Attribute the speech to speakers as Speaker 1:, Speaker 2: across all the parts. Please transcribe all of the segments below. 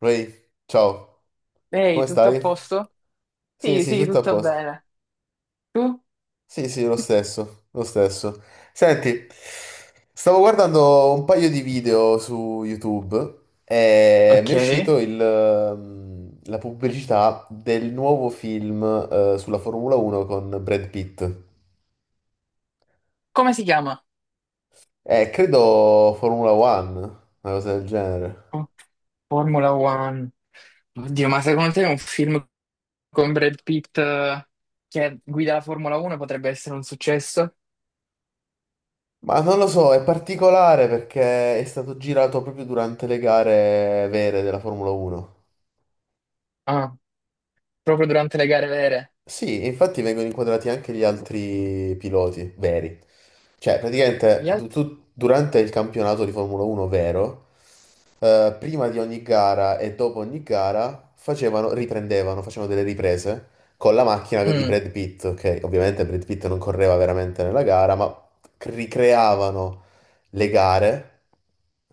Speaker 1: Ray, ciao,
Speaker 2: Ehi,
Speaker 1: come
Speaker 2: tutto a
Speaker 1: stai?
Speaker 2: posto?
Speaker 1: Sì,
Speaker 2: Sì,
Speaker 1: sì,
Speaker 2: sì,
Speaker 1: tutto a
Speaker 2: tutto
Speaker 1: posto.
Speaker 2: bene. Tu?
Speaker 1: Sì, sì, lo stesso, lo stesso. Senti, stavo guardando un paio di video su YouTube e mi
Speaker 2: Ok.
Speaker 1: è uscito la pubblicità del nuovo film, sulla Formula 1 con Brad Pitt.
Speaker 2: Come si chiama?
Speaker 1: Credo Formula One, una cosa del genere.
Speaker 2: Formula One. Oddio, ma secondo te un film con Brad Pitt che guida la Formula 1 potrebbe essere un successo?
Speaker 1: Ma non lo so, è particolare perché è stato girato proprio durante le gare vere della Formula 1.
Speaker 2: Ah, proprio durante le gare vere.
Speaker 1: Sì, e infatti vengono inquadrati anche gli altri piloti veri. Cioè, praticamente
Speaker 2: Gli altri?
Speaker 1: durante il campionato di Formula 1 vero, prima di ogni gara e dopo ogni gara facevano, riprendevano, facevano delle riprese con la macchina di
Speaker 2: Mm,
Speaker 1: Brad Pitt, che ovviamente Brad Pitt non correva veramente nella gara, ma ricreavano le gare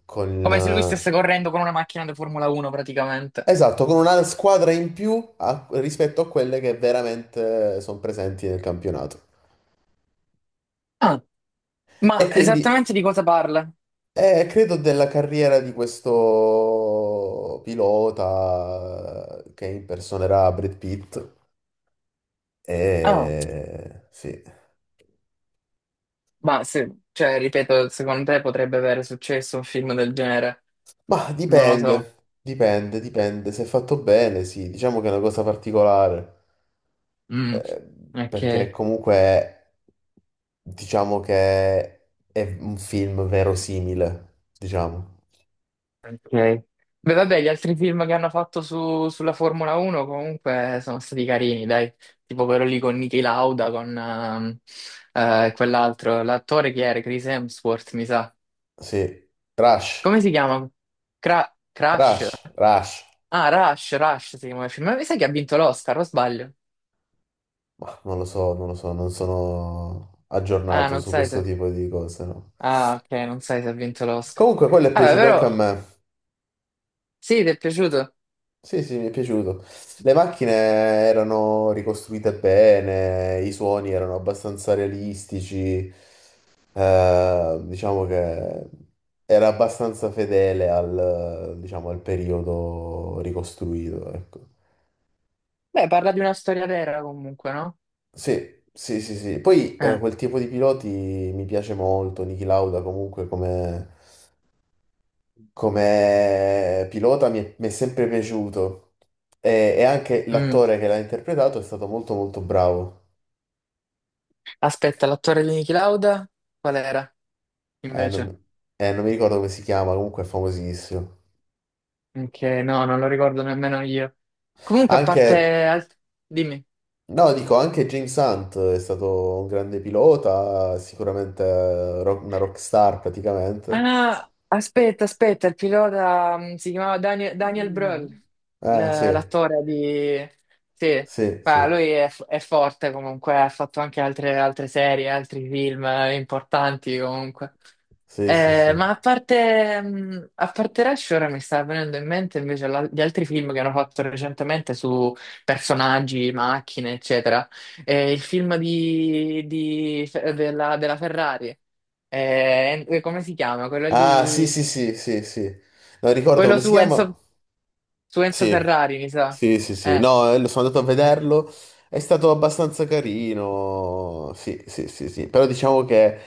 Speaker 1: con...
Speaker 2: Come se lui stesse
Speaker 1: eh,
Speaker 2: correndo con una macchina da Formula 1 praticamente.
Speaker 1: Esatto, con una squadra in più rispetto a quelle che veramente sono presenti nel campionato.
Speaker 2: Ah, ma
Speaker 1: E quindi
Speaker 2: esattamente di cosa parla?
Speaker 1: credo della carriera di questo pilota che impersonerà Brad Pitt.
Speaker 2: Ah,
Speaker 1: Sì.
Speaker 2: ma se, cioè, ripeto, secondo te potrebbe avere successo un film del genere?
Speaker 1: Ma
Speaker 2: Non lo so.
Speaker 1: dipende, dipende, dipende. Se è fatto bene, sì, diciamo che è una cosa particolare.
Speaker 2: Mm,
Speaker 1: eh, Perché
Speaker 2: ok,
Speaker 1: comunque diciamo che è un film verosimile, diciamo.
Speaker 2: ok. Beh, vabbè, gli altri film che hanno fatto sulla Formula 1 comunque sono stati carini, dai. Tipo quello lì con Niki Lauda, con quell'altro, l'attore che era, Chris Hemsworth, mi sa.
Speaker 1: Sì. Rush,
Speaker 2: Come si chiama? Crash?
Speaker 1: Rush, Rush.
Speaker 2: Ah, Rush, Rush si chiama il film. Ma mi sa che ha vinto l'Oscar, o sbaglio?
Speaker 1: Bah, non lo so, non lo so, non sono
Speaker 2: Ah,
Speaker 1: aggiornato
Speaker 2: non
Speaker 1: su
Speaker 2: sai
Speaker 1: questo
Speaker 2: se...
Speaker 1: tipo di cose, no.
Speaker 2: Ah, ok, non sai se ha vinto l'Oscar.
Speaker 1: Comunque, quello è
Speaker 2: Vabbè,
Speaker 1: piaciuto anche
Speaker 2: però,
Speaker 1: a me.
Speaker 2: sì, ti è piaciuto?
Speaker 1: Sì, sì, mi è piaciuto. Le macchine erano ricostruite bene, i suoni erano abbastanza realistici, diciamo che era abbastanza fedele diciamo, al periodo ricostruito, ecco.
Speaker 2: Beh, parla di una storia vera comunque, no?
Speaker 1: Sì, sì, sì, sì. Poi
Speaker 2: Eh.
Speaker 1: quel tipo di piloti mi piace molto, Niki Lauda comunque come pilota mi è sempre piaciuto e anche
Speaker 2: Mm.
Speaker 1: l'attore che l'ha interpretato è stato molto molto bravo.
Speaker 2: Aspetta, l'attore di Niki Lauda? Qual era,
Speaker 1: Eh, non,
Speaker 2: invece?
Speaker 1: mi Non mi ricordo come si chiama, comunque è famosissimo.
Speaker 2: Che no, non lo ricordo nemmeno io. Comunque, a
Speaker 1: Anche,
Speaker 2: parte... Dimmi.
Speaker 1: no, dico, anche James Hunt è stato un grande pilota, sicuramente una rockstar
Speaker 2: Ah,
Speaker 1: praticamente.
Speaker 2: no, aspetta, aspetta, il pilota si chiamava Daniel Brühl,
Speaker 1: Mm. Sì,
Speaker 2: l'attore di... Sì,
Speaker 1: sì,
Speaker 2: ma
Speaker 1: sì,
Speaker 2: lui è, è forte comunque, ha fatto anche altre serie, altri film importanti comunque.
Speaker 1: sì, sì,
Speaker 2: Ma
Speaker 1: sì.
Speaker 2: a parte Rush, ora mi sta venendo in mente invece gli altri film che hanno fatto recentemente su personaggi, macchine, eccetera. Il film della Ferrari. Come si chiama? Quello
Speaker 1: Ah, sì,
Speaker 2: lì,
Speaker 1: sì, sì, sì, sì. Non ricordo
Speaker 2: quello
Speaker 1: come si
Speaker 2: su
Speaker 1: chiama.
Speaker 2: Enzo, su Enzo
Speaker 1: Sì,
Speaker 2: Ferrari, mi sa.
Speaker 1: sì, sì, sì,
Speaker 2: Eh.
Speaker 1: no, lo sono andato a
Speaker 2: Eh.
Speaker 1: vederlo, è stato abbastanza carino, sì, sì, sì, sì, però diciamo che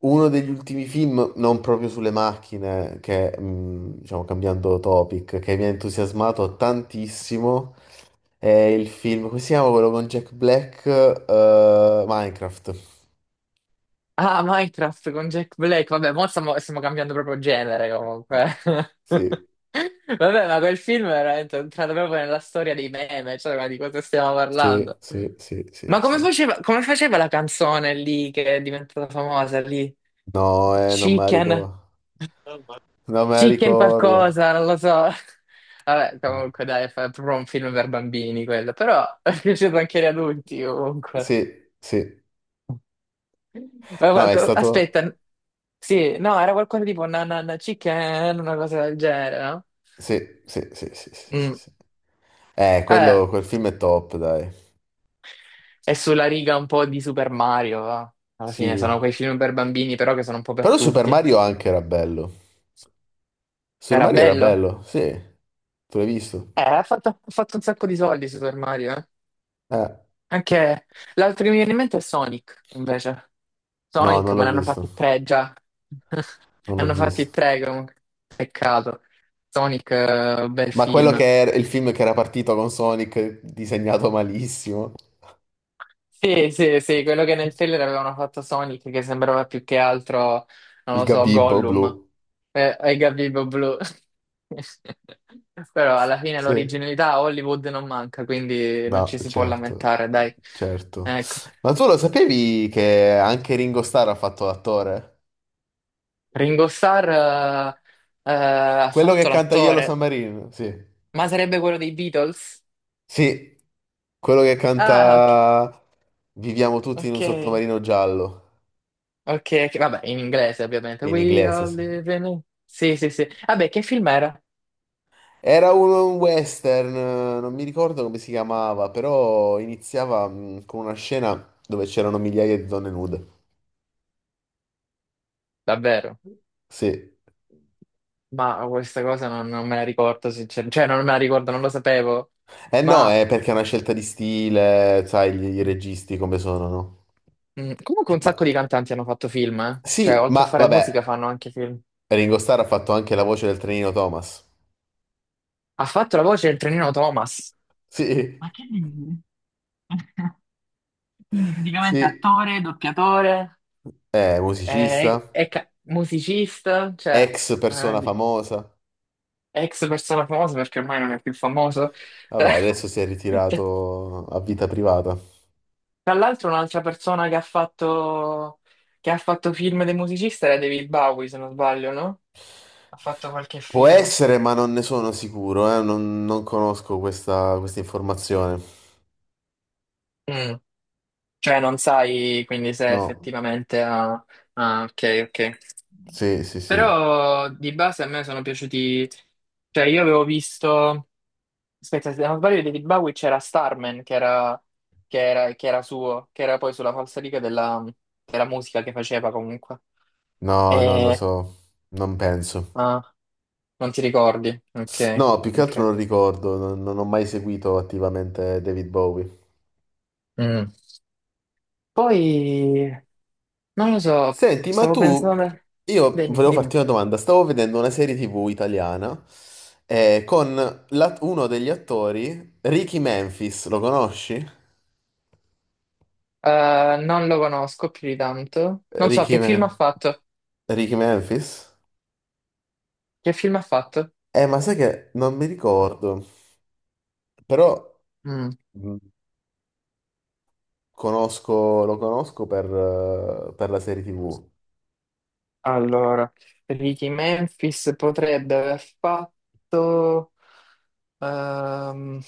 Speaker 1: uno degli ultimi film, non proprio sulle macchine, che, diciamo, cambiando topic, che mi ha entusiasmato tantissimo, è il film, come si chiama quello con Jack Black, Minecraft,
Speaker 2: Ah, Minecraft con Jack Black. Vabbè, mo stiamo cambiando proprio genere comunque.
Speaker 1: sì,
Speaker 2: Vabbè, ma quel film è veramente entrato proprio nella storia dei meme, cioè, ma di cosa stiamo
Speaker 1: sì,
Speaker 2: parlando?
Speaker 1: sì, sì, sì,
Speaker 2: Ma come
Speaker 1: sì,
Speaker 2: faceva, come faceva la canzone lì che è diventata famosa lì?
Speaker 1: no, non me la
Speaker 2: Chicken,
Speaker 1: ricordo, non me la
Speaker 2: Chicken
Speaker 1: ricordo.
Speaker 2: qualcosa, non lo so. Vabbè,
Speaker 1: Mm.
Speaker 2: comunque dai, è proprio un film per bambini quello, però è piaciuto anche agli adulti comunque.
Speaker 1: Sì, sì.
Speaker 2: Ma
Speaker 1: No, è stato.
Speaker 2: aspetta, sì, no, era qualcosa tipo nanana chicken, una cosa del genere, no?
Speaker 1: Sì, sì, sì, sì, sì, sì,
Speaker 2: Mm.
Speaker 1: sì. Eh,
Speaker 2: Eh,
Speaker 1: quello, quel film è top, dai.
Speaker 2: è sulla riga un po' di Super Mario, va. Alla fine sono
Speaker 1: Sì.
Speaker 2: quei film per bambini, però che sono un po' per
Speaker 1: Però Super
Speaker 2: tutti.
Speaker 1: Mario anche era bello. Super
Speaker 2: Era
Speaker 1: Mario era
Speaker 2: bello.
Speaker 1: bello, sì. Tu l'hai visto?
Speaker 2: Ha fatto un sacco di soldi Super Mario, eh.
Speaker 1: Eh,
Speaker 2: Anche l'altro che mi viene in mente è Sonic, invece.
Speaker 1: no,
Speaker 2: Sonic,
Speaker 1: non
Speaker 2: ma
Speaker 1: l'ho
Speaker 2: ne hanno
Speaker 1: visto.
Speaker 2: fatti tre già.
Speaker 1: Non
Speaker 2: Ne
Speaker 1: l'ho
Speaker 2: hanno fatti
Speaker 1: visto.
Speaker 2: tre, comunque. Peccato. Sonic, bel
Speaker 1: Ma quello che
Speaker 2: film.
Speaker 1: era il film che era partito con Sonic, disegnato malissimo.
Speaker 2: Sì, sì, sì, quello che nel trailer avevano fatto Sonic, che sembrava più che altro, non
Speaker 1: Il
Speaker 2: lo so,
Speaker 1: Gabibbo
Speaker 2: Gollum
Speaker 1: blu.
Speaker 2: e Gabibbo Blu. Però alla fine
Speaker 1: Sì.
Speaker 2: l'originalità a Hollywood non manca, quindi non
Speaker 1: No,
Speaker 2: ci si può
Speaker 1: certo.
Speaker 2: lamentare, dai.
Speaker 1: Certo.
Speaker 2: Ecco.
Speaker 1: Ma tu lo sapevi che anche Ringo Starr ha fatto l'attore?
Speaker 2: Ringo Starr ha
Speaker 1: Quello che
Speaker 2: fatto
Speaker 1: canta Yellow
Speaker 2: l'attore,
Speaker 1: Submarine, sì.
Speaker 2: ma sarebbe quello dei Beatles?
Speaker 1: Sì, quello che
Speaker 2: Ah, ok,
Speaker 1: canta viviamo tutti in un
Speaker 2: ok,
Speaker 1: sottomarino giallo,
Speaker 2: ok, ok, vabbè, in inglese ovviamente.
Speaker 1: in
Speaker 2: We
Speaker 1: inglese.
Speaker 2: all
Speaker 1: Sì.
Speaker 2: live in... Sì, sì, sì. Vabbè, che film era?
Speaker 1: Era un western, non mi ricordo come si chiamava, però iniziava con una scena dove c'erano migliaia di donne nude.
Speaker 2: Davvero?
Speaker 1: Sì.
Speaker 2: Ma questa cosa non me la ricordo, sinceramente. Cioè, non me la ricordo, non lo sapevo.
Speaker 1: Eh no,
Speaker 2: Ma
Speaker 1: è perché è una scelta di stile, sai, i
Speaker 2: mm,
Speaker 1: registi come sono, no?
Speaker 2: Comunque un
Speaker 1: Ma
Speaker 2: sacco di cantanti hanno fatto film, eh. Cioè,
Speaker 1: sì,
Speaker 2: oltre a
Speaker 1: ma
Speaker 2: fare musica
Speaker 1: vabbè,
Speaker 2: fanno anche film.
Speaker 1: Ringo Starr ha fatto anche la voce del trenino Thomas.
Speaker 2: Ha fatto la voce del trenino Thomas.
Speaker 1: Sì,
Speaker 2: Ma che dici? Quindi praticamente
Speaker 1: sì,
Speaker 2: attore, doppiatore.
Speaker 1: è
Speaker 2: È,
Speaker 1: musicista.
Speaker 2: è musicista, cioè,
Speaker 1: Ex
Speaker 2: eh,
Speaker 1: persona
Speaker 2: di-
Speaker 1: famosa.
Speaker 2: ex persona famosa perché ormai non è più famoso.
Speaker 1: Vabbè, adesso si è ritirato a vita privata.
Speaker 2: Tra l'altro un'altra persona che ha fatto film dei musicisti era David Bowie, se non sbaglio, no? Ha fatto qualche
Speaker 1: Può
Speaker 2: film.
Speaker 1: essere, ma non ne sono sicuro, non conosco questa informazione.
Speaker 2: Mm. Cioè non sai quindi se
Speaker 1: No,
Speaker 2: effettivamente ha... Ah, ok, ok.
Speaker 1: sì, sì, sì.
Speaker 2: Però di base a me sono piaciuti... Cioè io avevo visto... Aspetta, se non sbaglio di David Bowie c'era Starman, che era suo, che era poi sulla falsariga della musica che faceva comunque.
Speaker 1: No, non lo
Speaker 2: E...
Speaker 1: so. Non penso.
Speaker 2: ah, non ti ricordi? Ok,
Speaker 1: No, più che altro
Speaker 2: ok.
Speaker 1: non ricordo, non ho mai seguito attivamente David Bowie.
Speaker 2: Mm. Poi, non lo so,
Speaker 1: Senti,
Speaker 2: stavo pensando...
Speaker 1: io
Speaker 2: Dimmi,
Speaker 1: volevo
Speaker 2: dimmi.
Speaker 1: farti una domanda. Stavo vedendo una serie TV italiana con uno degli attori, Ricky Memphis, lo conosci?
Speaker 2: Non lo conosco più di tanto. Non so
Speaker 1: Ricky
Speaker 2: che
Speaker 1: Me.
Speaker 2: film ha fatto.
Speaker 1: Ricky Memphis?
Speaker 2: Che film ha fatto?
Speaker 1: Ma sai che non mi ricordo, però
Speaker 2: Mm.
Speaker 1: mh, lo conosco per la serie TV.
Speaker 2: Allora, Ricky Memphis potrebbe aver fatto... ehm,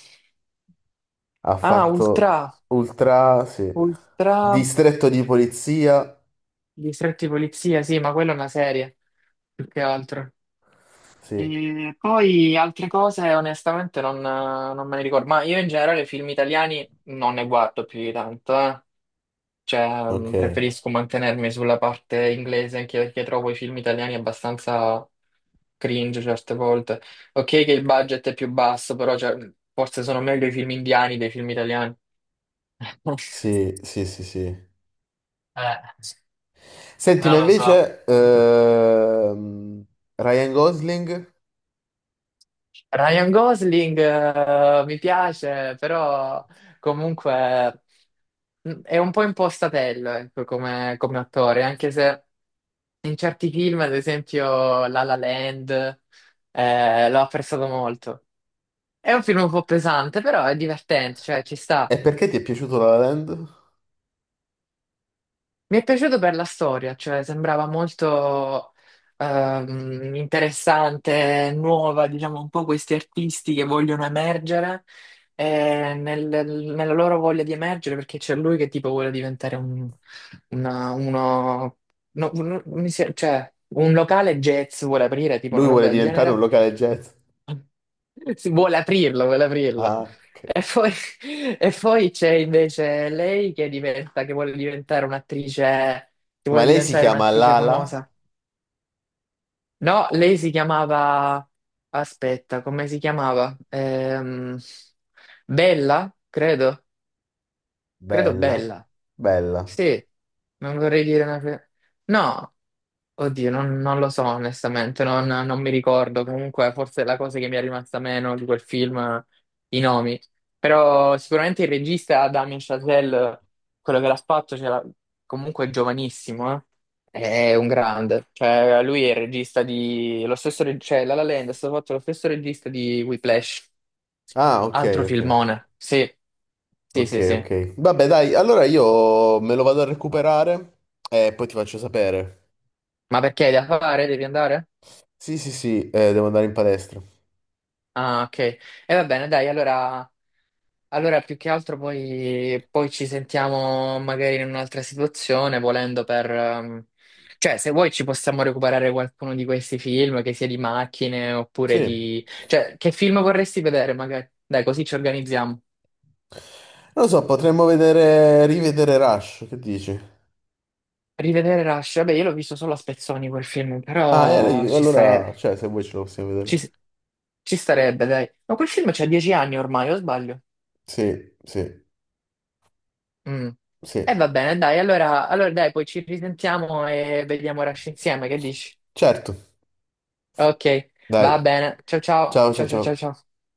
Speaker 1: Ha
Speaker 2: ah,
Speaker 1: fatto
Speaker 2: Ultra.
Speaker 1: Ultra, sì.
Speaker 2: Ultra...
Speaker 1: Distretto di polizia,
Speaker 2: Distretti di polizia, sì, ma quella è una serie, più che altro.
Speaker 1: sì.
Speaker 2: E poi altre cose onestamente non me ne ricordo, ma io in generale film italiani non ne guardo più di tanto, eh. Cioè
Speaker 1: Ok,
Speaker 2: preferisco mantenermi sulla parte inglese anche perché trovo i film italiani abbastanza cringe certe volte. Ok che il budget è più basso, però cioè, forse sono meglio i film indiani dei film italiani.
Speaker 1: sì, sì, sì, sì.
Speaker 2: Eh,
Speaker 1: Senti, ma
Speaker 2: non lo so.
Speaker 1: invece Ryan Gosling.
Speaker 2: Ryan Gosling mi piace, però comunque. È un po' impostatello, ecco, come attore, anche se in certi film, ad esempio La La Land, l'ho apprezzato molto. È un film un po' pesante, però è divertente, cioè ci sta.
Speaker 1: E perché ti è piaciuto La La Land?
Speaker 2: Mi è piaciuto per la storia, cioè sembrava molto interessante, nuova, diciamo un po' questi artisti che vogliono emergere nella loro voglia di emergere perché c'è lui che tipo vuole diventare una- uno, no, cioè, un locale jazz vuole aprire, tipo
Speaker 1: Lui
Speaker 2: una roba
Speaker 1: vuole
Speaker 2: del
Speaker 1: diventare un
Speaker 2: genere
Speaker 1: locale jazz.
Speaker 2: si vuole aprirlo, vuole aprirlo.
Speaker 1: Ah, ok.
Speaker 2: E poi, e poi c'è invece lei che diventa, che vuole diventare un'attrice, che
Speaker 1: Ma
Speaker 2: vuole
Speaker 1: lei si
Speaker 2: diventare
Speaker 1: chiama
Speaker 2: un'attrice
Speaker 1: Lala?
Speaker 2: famosa. No, lei si chiamava, aspetta, come si chiamava? Bella, credo. Credo
Speaker 1: Bella,
Speaker 2: bella.
Speaker 1: bella.
Speaker 2: Sì, non vorrei dire una... no, oddio, non lo so onestamente, non mi ricordo. Comunque, forse è la cosa che mi è rimasta meno di quel film, i nomi. Però sicuramente il regista Damien Chazelle, quello che l'ha fatto, comunque è giovanissimo, eh. È un grande. Cioè, lui è il regista di... Lo stesso cioè, La La Land è stato fatto lo stesso regista di Whiplash.
Speaker 1: Ah, ok,
Speaker 2: Altro
Speaker 1: ok,
Speaker 2: filmone. Sì, sì, sì,
Speaker 1: ok,
Speaker 2: sì.
Speaker 1: ok. Vabbè, dai, allora io me lo vado a recuperare e poi ti faccio sapere.
Speaker 2: Ma perché hai da fare? Devi andare?
Speaker 1: Sì, sì, sì, devo andare in palestra.
Speaker 2: Ah, ok. E va bene, dai, allora più che altro poi ci sentiamo magari in un'altra situazione, volendo per... cioè, se vuoi ci possiamo recuperare qualcuno di questi film, che sia di macchine oppure
Speaker 1: Sì.
Speaker 2: di... Cioè, che film vorresti vedere magari? Dai, così ci organizziamo.
Speaker 1: Non lo so, potremmo vedere, rivedere Rush, che dici?
Speaker 2: Rivedere Rush. Vabbè, io l'ho visto solo a spezzoni quel film,
Speaker 1: Ah, e
Speaker 2: però
Speaker 1: allora, cioè, se vuoi ce lo possiamo
Speaker 2: ci
Speaker 1: vedere.
Speaker 2: ci starebbe, dai. Ma quel film c'ha 10 anni ormai, o sbaglio?
Speaker 1: Sì, sì,
Speaker 2: Mm.
Speaker 1: sì.
Speaker 2: E va bene, dai, allora dai, poi ci risentiamo e vediamo Rush insieme, che dici?
Speaker 1: Certo,
Speaker 2: Ok, va
Speaker 1: dai.
Speaker 2: bene. Ciao ciao,
Speaker 1: Ciao, ciao,
Speaker 2: ciao ciao ciao
Speaker 1: ciao.
Speaker 2: ciao.